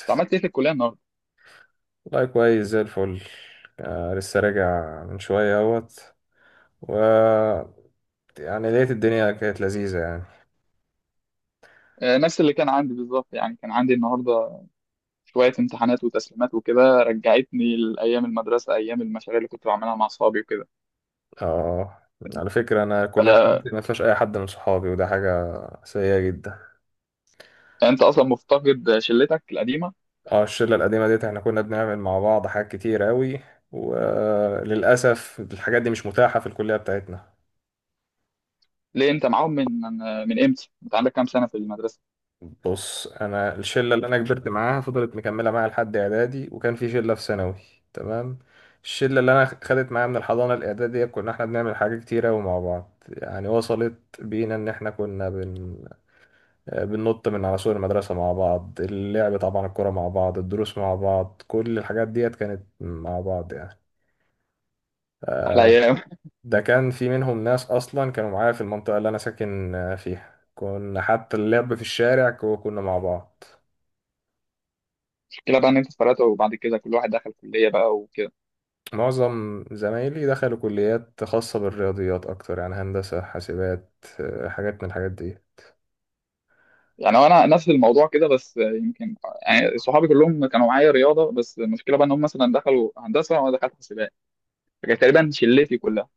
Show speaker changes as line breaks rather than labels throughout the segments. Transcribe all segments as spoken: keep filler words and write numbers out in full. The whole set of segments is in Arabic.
انت عملت ايه في الكليه النهارده؟
والله كويس زي الفل. آه، لسه راجع من شوية اهوت. و يعني لقيت الدنيا كانت لذيذة يعني.
آه، نفس اللي كان عندي بالظبط يعني كان عندي النهارده شويه امتحانات وتسليمات وكده رجعتني لايام المدرسه ايام المشاريع اللي كنت بعملها مع اصحابي وكده.
اه، على فكرة أنا الكلية
آه،
بتاعتي ما فيهاش أي حد من صحابي وده حاجة سيئة جدا.
انت اصلا مفتقد شلتك القديمه؟
اه، الشلة القديمة ديت احنا كنا بنعمل مع بعض حاجات كتير أوي، وللأسف الحاجات دي مش متاحة في الكلية بتاعتنا.
ليه انت معاهم من من من امتى؟ انت عندك كام سنه في المدرسه؟
بص انا الشله اللي انا كبرت معاها فضلت مكمله معايا لحد اعدادي، وكان في شله في ثانوي. تمام. الشله اللي انا خدت معايا من الحضانه الاعداديه كنا احنا بنعمل حاجات كتيره قوي مع بعض، يعني وصلت بينا ان احنا كنا بن... بننط من على سور المدرسه مع بعض، اللعب طبعا، الكوره مع بعض، الدروس مع بعض، كل الحاجات ديت كانت مع بعض يعني.
احلى ايام.
ده كان في منهم ناس اصلا كانوا معايا في المنطقه اللي انا ساكن فيها، كنا حتى اللعب في الشارع كو- كنا مع بعض.
المشكله بقى ان انت اتفرقت وبعد كده كل واحد دخل كليه بقى وكده.
معظم زمايلي دخلوا كليات خاصة بالرياضيات أكتر، يعني هندسة حاسبات، آه، حاجات من الحاجات دي.
يعني انا نفس الموضوع كده بس، آه، يمكن يعني صحابي كلهم كانوا معايا رياضه، بس المشكله بقى ان هم مثلا دخلوا هندسه وانا دخلت حسابات، فكانت تقريبا شلتي كلها.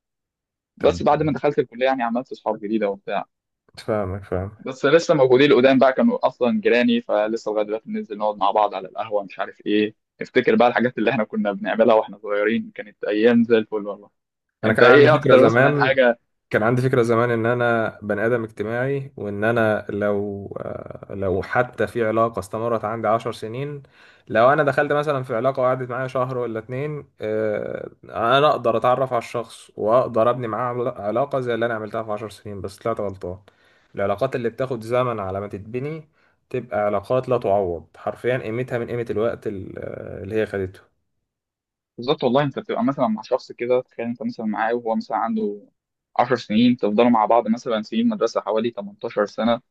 طب
بس بعد ما دخلت الكليه يعني عملت اصحاب جديده وبتاع.
فاهمك فاهم.
بس لسه موجودين القدام بقى، كانوا اصلا جيراني فلسه لغايه دلوقتي بننزل نقعد مع بعض على القهوه مش عارف ايه. افتكر بقى الحاجات اللي احنا كنا بنعملها واحنا صغيرين كانت ايام زي الفل والله.
أنا
انت
كان عندي
ايه
فكرة
اكتر مثلا
زمان
حاجه؟
كان عندي فكرة زمان إن أنا بني آدم اجتماعي، وإن أنا لو آه، لو حتى في علاقة استمرت عندي عشر سنين. لو أنا دخلت مثلا في علاقة وقعدت معايا شهر ولا اتنين، آه، أنا أقدر أتعرف على الشخص وأقدر أبني معاه عل- علاقة زي اللي أنا عملتها في عشر سنين، بس طلعت غلطان. العلاقات اللي بتاخد زمن على ما تتبني تبقى علاقات لا تعوض حرفيا، قيمتها من قيمة الوقت ال- اللي هي خدته.
بالظبط والله. انت بتبقى مثلا مع شخص كده، تخيل انت مثلا معاه وهو مثلا عنده 10 سنين، تفضلوا مع بعض مثلا سنين مدرسه حوالي تمنتاشر سنة سنه،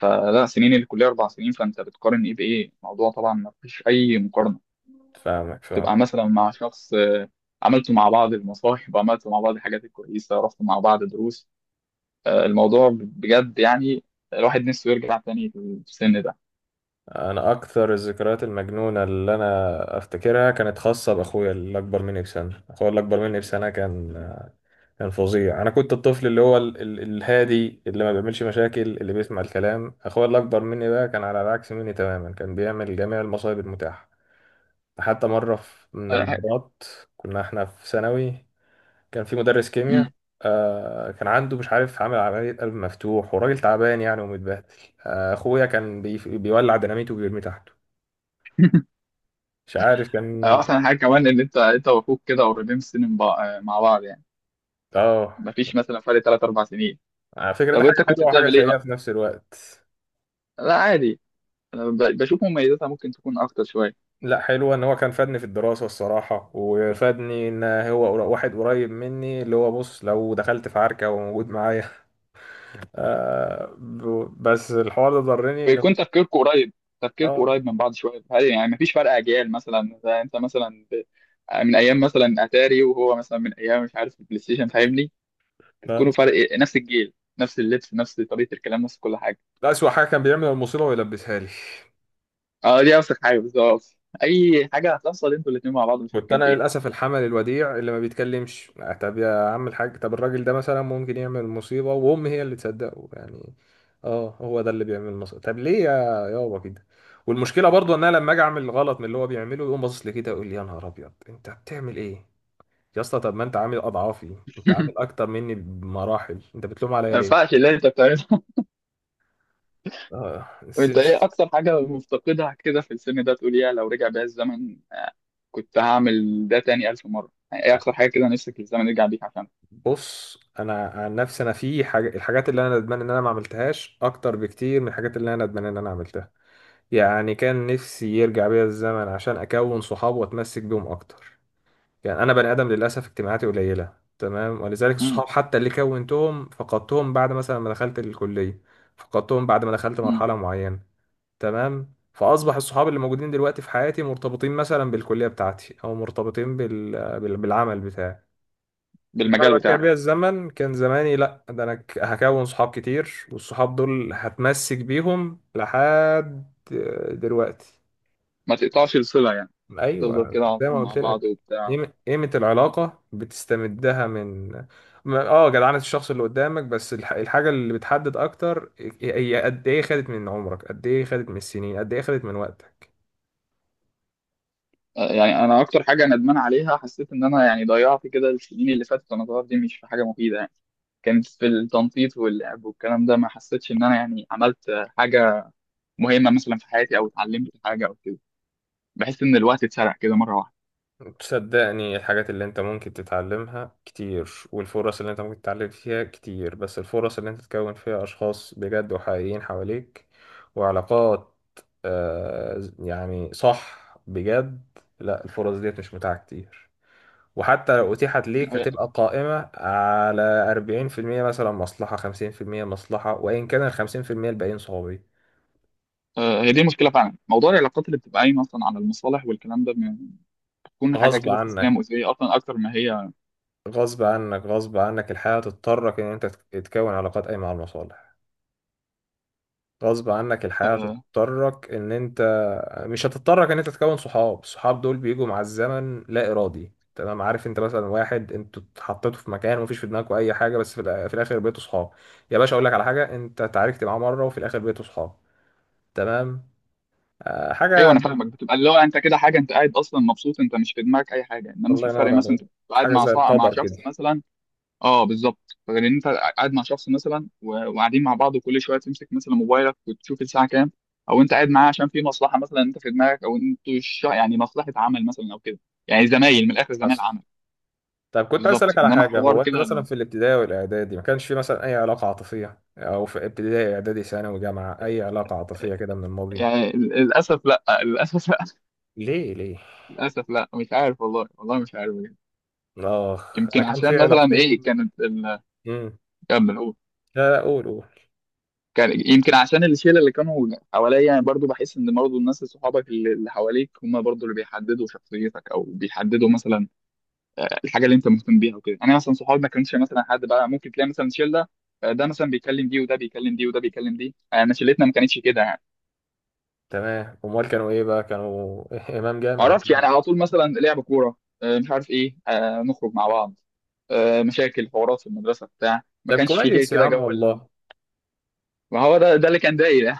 فلا سنين الكليه اربع سنين، فانت بتقارن ايه بايه؟ الموضوع طبعا ما فيش اي مقارنه.
فاهمك فاهم.
تبقى مثلا مع شخص، آه، عملتوا مع بعض المصاحب، عملتوا مع بعض الحاجات الكويسة، رحتوا مع بعض دروس. آه، الموضوع بجد يعني الواحد نفسه يرجع تاني في السن ده.
انا اكثر الذكريات المجنونه اللي انا افتكرها كانت خاصه باخويا اللي اكبر مني بسنه. اخويا اللي اكبر مني بسنه كان كان فظيع. انا كنت الطفل اللي هو ال... ال... الهادي اللي ما بيعملش مشاكل، اللي بيسمع الكلام. اخويا اللي اكبر مني بقى كان على العكس مني تماما، كان بيعمل جميع المصايب المتاحه. حتى مره في- من
آه، ح-
المرات كنا احنا في ثانوي، كان في مدرس
مم.
كيمياء. آه كان عنده مش عارف، عامل عملية قلب مفتوح، وراجل تعبان يعني ومتبهدل. آه أخويا كان بي... بيولع ديناميت وبيرميه تحت. مش عارف
آه،
كان.
أحسن حاجة كمان إن أنت أنت وأخوك كده قريبين في سن من بع- آه، مع بعض يعني،
اه،
مفيش مثلا فرق تلات أربع سنين.
على فكرة ده
طب
حاجة
أنت كنت
حلوة وحاجة
بتعمل إيه
سيئة
بقى؟
في نفس الوقت.
لا عادي، أنا ب- بشوف مميزاتها ممكن تكون أكتر شوية.
لا، حلوة ان هو كان فادني في الدراسة الصراحة، وفادني ان هو قر- واحد قريب مني، اللي هو بص لو دخلت في عركة وموجود معايا آه ب- بس الحوار ده ضرني ان،
بيكون تفكيركم قريب، تفكيركم
اه،
قريب من بعض شويه. هل يعني مفيش فرق اجيال، مثلا زي انت مثلا ب- من ايام مثلا اتاري، وهو مثلا من ايام مش عارف البلاي ستيشن، فاهمني؟ تكونوا
ف-
فرق، نفس الجيل، نفس اللبس، نفس طريقه الكلام، نفس كل حاجه.
ده أسوأ حاجة، كان بيعمل المصيبة ويلبسها لي.
اه دي اوسخ حاجه بالظبط، اي حاجه هتحصل انتوا الاثنين مع بعض
كنت
مشاركين
انا
فيها.
للاسف الحمل الوديع اللي ما بيتكلمش. آه، طب يا عم الحاج، طب الراجل ده مثلا ممكن يعمل مصيبه، وام هي اللي تصدقه يعني. اه، هو ده اللي بيعمل مصيبه، طب ليه يا، يابا كده. والمشكله برضو ان انا لما اجي اعمل غلط من اللي هو بيعمله يقوم باصص لي كده، يقول لي يا نهار ابيض انت بتعمل ايه يا اسطى. طب ما انت عامل اضعافي، انت عامل اكتر مني بمراحل، انت بتلوم عليا
ما
ليه؟
ينفعش اللي انت بتعمله.
اه،
انت ايه
سيس.
اكتر حاجه مفتقدها كده في السن ده تقول يا لو رجع بيا الزمن كنت هعمل ده تاني الف مره؟ يعني ايه اكتر حاجه كده نفسك الزمن يرجع بيك عشانها؟
بص انا عن نفسي، انا في حاجه، الحاجات اللي انا ندمان ان انا ما عملتهاش اكتر بكتير من الحاجات اللي انا ندمان ان انا عملتها. يعني كان نفسي يرجع بيا الزمن عشان أكون صحاب وأتمسك بيهم أكتر. يعني أنا بني آدم للأسف اجتماعاتي قليلة. تمام، ولذلك
امم.
الصحاب حتى اللي كونتهم فقدتهم بعد مثلا ما دخلت الكلية. فقدتهم بعد ما دخلت
امم.
مرحلة معينة. تمام، فأصبح الصحاب اللي موجودين دلوقتي في حياتي مرتبطين مثلا بالكلية بتاعتي، أو مرتبطين بال... بال... بالعمل بتاعي. لو
بالمجال
أنا رجع
بتاعك.
بيا الزمن كان زماني لأ، ده أنا ك- هكون صحاب كتير، والصحاب دول هتمسك بيهم لحد دلوقتي.
ما تقطعش الصلة يعني، تفضل
ايوه،
كده على
زي
طول
ما
مع
قلت
بعض
لك.
وبتاع.
قيمة، قيمة العلاقة بتستمدها من، ما- اه جدعنة الشخص اللي قدامك، بس الح- الحاجة اللي بتحدد اكتر هي قد ايه خدت من عمرك، قد ايه خدت من السنين، قد ايه خدت من وقتك.
آه، يعني انا اكتر حاجة ندمان عليها، حسيت ان انا يعني ضيعت كده السنين اللي فاتت وانا صغير دي مش في حاجة مفيدة يعني، كانت في التنطيط واللعب والكلام ده، ما حسيتش ان انا يعني عملت آه، حاجة مهمة مثلا في حياتي او اتعلمت حاجة او كده. بحس ان الوقت اتسرق كده مرة واحدة.
تصدقني الحاجات اللي انت ممكن تتعلمها كتير، والفرص اللي انت ممكن تتعلم فيها كتير، بس الفرص اللي انت تكون فيها اشخاص بجد وحقيقيين حواليك وعلاقات، آه يعني صح بجد، لا الفرص ديت مش متاحة كتير. وحتى لو أتيحت ليك
آه.
هتبقى قائمة على أربعين في المية مثلا مصلحة، خمسين في المية مصلحة، وإن كان ال خمسين في المية الباقيين صحابي
آه، هي دي المشكلة فعلا، موضوع العلاقات اللي بتبقى قايمة اصلا على المصالح والكلام ده، بتكون حاجة
غصب
كده سيستم
عنك.
مؤذية اصلا اكتر ما هي.
غصب عنك، غصب عنك الحياة تضطرك إن أنت تك- تكون علاقات قايمة على المصالح. غصب عنك الحياة
آه،
تضطرك إن أنت، مش هتضطرك إن أنت تكون صحاب، الصحاب دول بيجوا مع الزمن لا إرادي. تمام. عارف أنت مثلا واحد أنتوا اتحطيتوا في مكان ومفيش في دماغكوا أي حاجة، بس في الآ- في الآخر بقيتوا صحاب. يا باشا أقول لك على حاجة، أنت اتعاركت معاه مرة وفي الآخر بقيتوا صحاب. تمام. آه،
ايوه
حاجة.
انا فاهمك، بتبقى اللي هو انت كده حاجه انت قاعد اصلا مبسوط، انت مش في دماغك اي حاجه، انما
الله
في فرق
ينور
مثلا
عليك.
انت بتبقى قاعد
حاجة
مع
زي
صاحب مع
القدر كده.
شخص مثلا. اه بالظبط، غير ان انت قاعد مع شخص مثلا و- وقاعدين مع بعض وكل شويه تمسك مثلا موبايلك وتشوف الساعه كام، او انت قاعد معاه عشان في مصلحه مثلا انت في دماغك، او انتوا الش- يعني مصلحه عمل مثلا او كده، يعني زمايل من الاخر، زمايل
حصل.
عمل.
طب كنت عايز
بالظبط
أسألك على
انما
حاجة،
حوار
هو أنت
كده
مثلا في الابتدائي والإعدادي ما كانش في مثلا أي علاقة عاطفية؟ أو في ابتدائي إعدادي ثانوي جامعة أي علاقة عاطفية كده من الماضي؟
يعني. ال- للاسف لا. للاسف لا.
ليه ليه.
للاسف لا، مش عارف والله، والله مش عارف بجد.
آخ، أنا
يمكن
كان في
عشان مثلا ايه
علاقتين.
كانت ال...
امم.
كمل.
لا لا، قول قول.
كان يمكن عشان الشله اللي كانوا حواليا، يعني برضو بحس ان برضو الناس صحابك اللي اللي حواليك هم برضو اللي بيحددوا شخصيتك او بيحددوا مثلا آه، الحاجه اللي انت مهتم بيها وكده. انا مثلا صحابي ما كانش مثلا حد بقى، ممكن تلاقي مثلا شله آه، ده مثلا بيكلم دي، وده بيكلم دي، وده بيكلم دي، آه، انا شلتنا ما كانتش كده يعني.
تمام، أمال كانوا إيه بقى؟ كانوا إمام
ما
جامعي.
اعرفش، يعني على طول مثلا لعب كوره، آه، مش عارف ايه، آه، نخرج مع بعض، آه، مشاكل حوارات في المدرسه بتاع، ما
طب
كانش في
كويس يا
كده
عم
جو ال-
والله.
ما هو ده ده اللي كان داير يعني.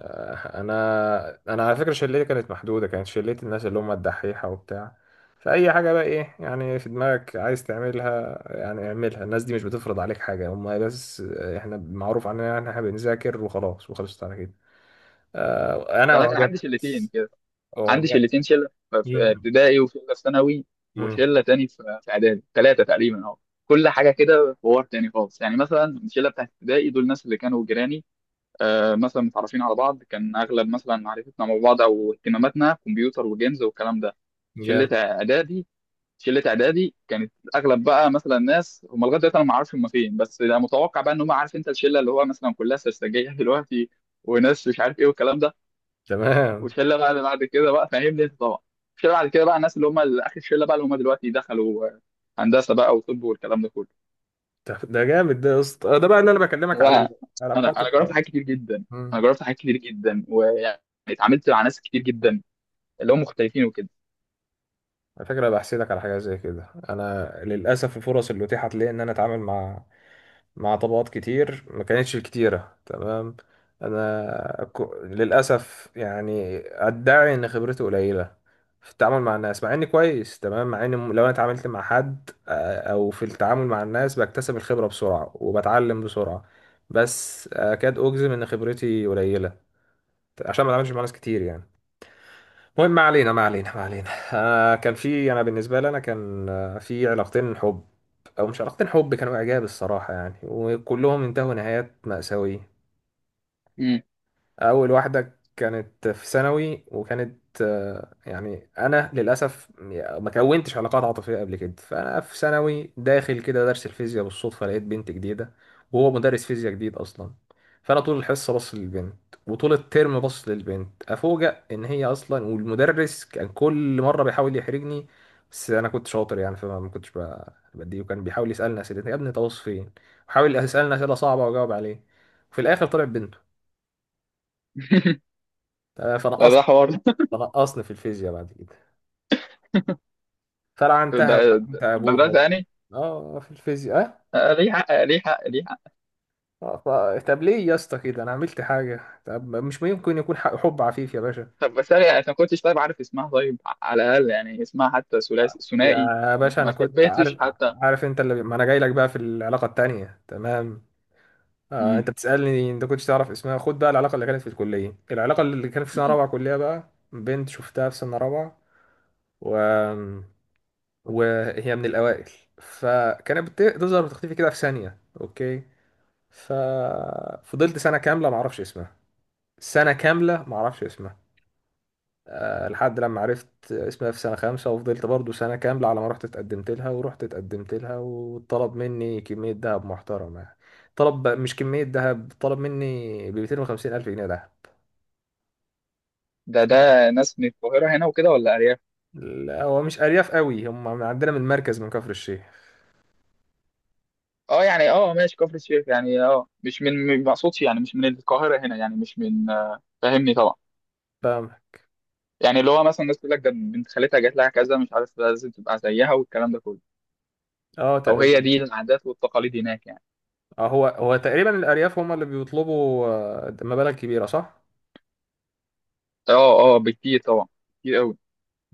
آه، انا انا على فكره شلتي كانت محدوده، كانت شلتي الناس اللي هم الدحيحه وبتاع. فاي حاجه بقى ايه يعني في دماغك عايز تعملها، يعني اعملها، الناس دي مش بتفرض عليك حاجه هم بس. آه، احنا معروف عننا ان احنا بنذاكر وخلاص، وخلصت على كده. آه، انا
انا كان عندي شلتين
اعجبت
كده، عندي
اعجبت
شلتين، شله في
مم.
ابتدائي وشله في ثانوي،
مم.
وشله تاني في في اعدادي، ثلاثه تقريبا اهو. كل حاجه كده حوار تاني خالص يعني. مثلا الشله بتاعت ابتدائي دول الناس اللي كانوا جيراني، آه مثلا متعرفين على بعض، كان اغلب مثلا معرفتنا مع بعض او اهتماماتنا كمبيوتر وجيمز والكلام ده. شله
جامد.
اعدادي، شله اعدادي كانت اغلب بقى مثلا ناس هم لغايه دلوقتي انا ما اعرفش هم فين، بس ده متوقع بقى ان هم عارف انت الشله اللي هو مثلا كلها سرسجيه دلوقتي، وناس مش عارف ايه والكلام ده.
تمام.
والشله بقى اللي بعد كده بقى، فاهمني انت طبعا، الشله بعد كده بقى الناس اللي هم ال- اخر الشله بقى، اللي هم دلوقتي دخلوا آه، هندسه بقى وطب والكلام ده كله
ده ده جامد ده يا اسطى. آه، ده بقى اللي انا بكلمك عليه،
بقى. انا
علاقات
انا جربت
القائمة.
حاجات كتير جدا، انا
امم
جربت حاجات كتير جدا ويعني اتعاملت مع ناس كتير جدا اللي هم مختلفين وكده.
على فكرة بحسدك على حاجة زي كده. أنا للأسف الفرص اللي أتيحت لي إن أنا أتعامل مع، مع طبقات كتير، ما كانتش الكتيرة. تمام. أنا ك- للأسف يعني أدعي إن خبرتي قليلة في التعامل مع الناس، مع إني كويس، تمام، مع إني لو أنا اتعاملت مع حد، آه، أو في التعامل مع الناس بكتسب الخبرة بسرعة وبتعلم بسرعة، بس أكاد أجزم إن خبرتي قليلة عشان ما بتعاملش مع ناس كتير يعني. المهم، ما علينا، ما علينا، ما علينا. آه، كان في أنا بالنسبة لي أنا كان، آه، في علاقتين حب، او مش علاقة حب، كانوا اعجاب الصراحة يعني، وكلهم انتهوا نهايات مأساوية.
مم.
اول واحده كانت في ثانوي وكانت، آه، يعني انا للاسف ما كونتش علاقات عاطفيه قبل كده. فانا في ثانوي داخل كده درس الفيزياء بالصدفه لقيت بنت جديده، وهو مدرس فيزياء جديد اصلا. فانا طول الحصه بص للبنت، وطول الترم بص للبنت. افوجئ ان هي اصلا، والمدرس كان كل مره بيحاول يحرجني، بس انا كنت شاطر يعني. فما ما كنتش ب- بديه. وكان بيحاول يسالني اسئله، يا ابني انت باصص فين، وحاول يسالني اسئله صعبه واجاوب عليه. وفي الاخر طلع بنته. آه، فانا
لا ده حوار ده.
فنقصني في الفيزياء بعد كده، فلعنتها
ده-
ولعنت
في
ابوها.
المدرسه يعني؟
اه في الفيزياء.
آه، ليه حق، ليه حق، ليه حق.
اه آه، ف- طب ليه يا اسطى كده؟ انا عملت حاجه؟ طب مش ممكن يكون ح- حب عفيف يا باشا؟
طب بس انا يعني أنا ما كنتش طيب عارف اسمها، طيب على الاقل يعني اسمها حتى ثلاثي ثنائي،
يا باشا
ما
انا كنت
شبهتش
عارف.
حتى.
عارف انت اللي، ما انا جاي لك بقى في العلاقه التانية. تمام. آه
مم.
انت بتسالني انت كنتش تعرف اسمها؟ خد بقى العلاقه اللي كانت في الكليه. العلاقه اللي كانت في سنه
مم.
رابعه كليه بقى، بنت شفتها في سنه رابعه و... وهي من الاوائل. فكانت بت- بتظهر وتختفي كده في ثانيه، اوكي. ففضلت سنة كاملة معرفش اسمها، سنة كاملة معرفش اسمها. آه، لحد لما عرفت اسمها في سنة خامسة، وفضلت برضو سنة كاملة على ما رحت اتقدمت لها. ورحت اتقدمت لها وطلب مني كمية دهب محترمة يعني. طلب، مش كمية دهب، طلب مني ب ميتين وخمسين ألف جنيه دهب.
ده ده ناس من القاهره هنا وكده ولا ارياف؟
لا، هو مش أرياف قوي، هم من عندنا من المركز من كفر الشيخ.
اه يعني، اه ماشي كفر الشيخ يعني، اه مش من، ما اقصدش يعني مش من القاهره هنا، يعني مش من، آه، فاهمني طبعا،
فاهم.
يعني اللي هو مثلا الناس تقول لك ده بنت خالتها جات لها كذا مش عارف لازم تبقى زيها والكلام ده كله،
اه
او هي
تقريبا.
دي العادات والتقاليد هناك يعني.
آه، هو هو تقريبا الأرياف هم اللي بيطلبوا آه، مبالغ كبيرة، صح؟
اه اه، بكتير طبعا، كتير قوي.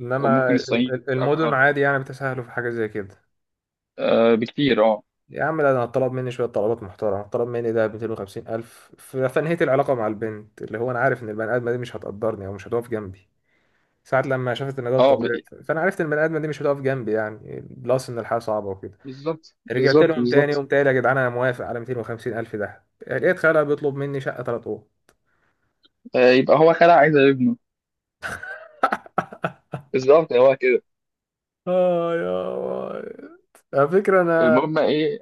انما
وممكن
ال-
الصعيد
ال- المدن
اكتر،
عادي يعني بتسهلوا في حاجه زي كده.
آه بكتير اه.
يا عم لا، ده انا طلب مني شويه طلبات محترمه. طلب مني ده ميتين وخمسين الف، ف- فانهيت العلاقه مع البنت اللي هو، انا عارف ان البني ادمه دي مش هتقدرني او مش هتقف جنبي. ساعة لما شافت ان ده
اه ب...
طبيعي، ف- فانا عرفت ان البني ادمه دي مش هتقف جنبي يعني، بلس ان الحياه صعبه وكده.
بالظبط،
رجعت
بالظبط،
لهم تاني،
بالظبط.
قمت قايل يا جدعان انا موافق على ميتين وخمسين الف. ده لقيت خالها بيطلب مني شقه ثلاث اوض.
آه يبقى هو خلع عايز ابنه، بالظبط هو كده.
اه يا واد. على فكرة انا،
المهم ايه؟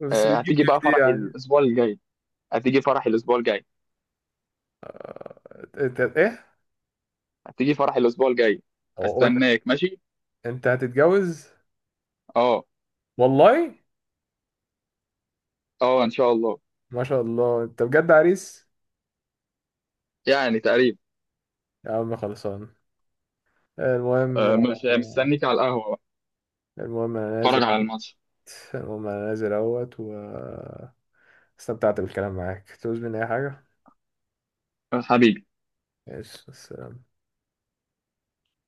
بس
آه
بتجيب
هتيجي
دي في
بقى
دي
فرح
يعني.
الاسبوع الجاي، هتيجي فرح الاسبوع الجاي،
انت ايه؟
هتيجي فرح الاسبوع الجاي،
هو
استناك ماشي.
انت هتتجوز؟
اه.
والله.
اه ان شاء الله.
ما شاء الله انت بجد عريس.
يعني تقريبا.
يا عم خلصان. المهم.
آه، مش مستنيك على القهوه بقى.
المهم انا نازل.
اتفرج على الماتش.
المهم انا نازل اهوت، واستمتعت بالكلام معاك. تعوز مني اي حاجة؟
حبيبي.
ماشي، السلام.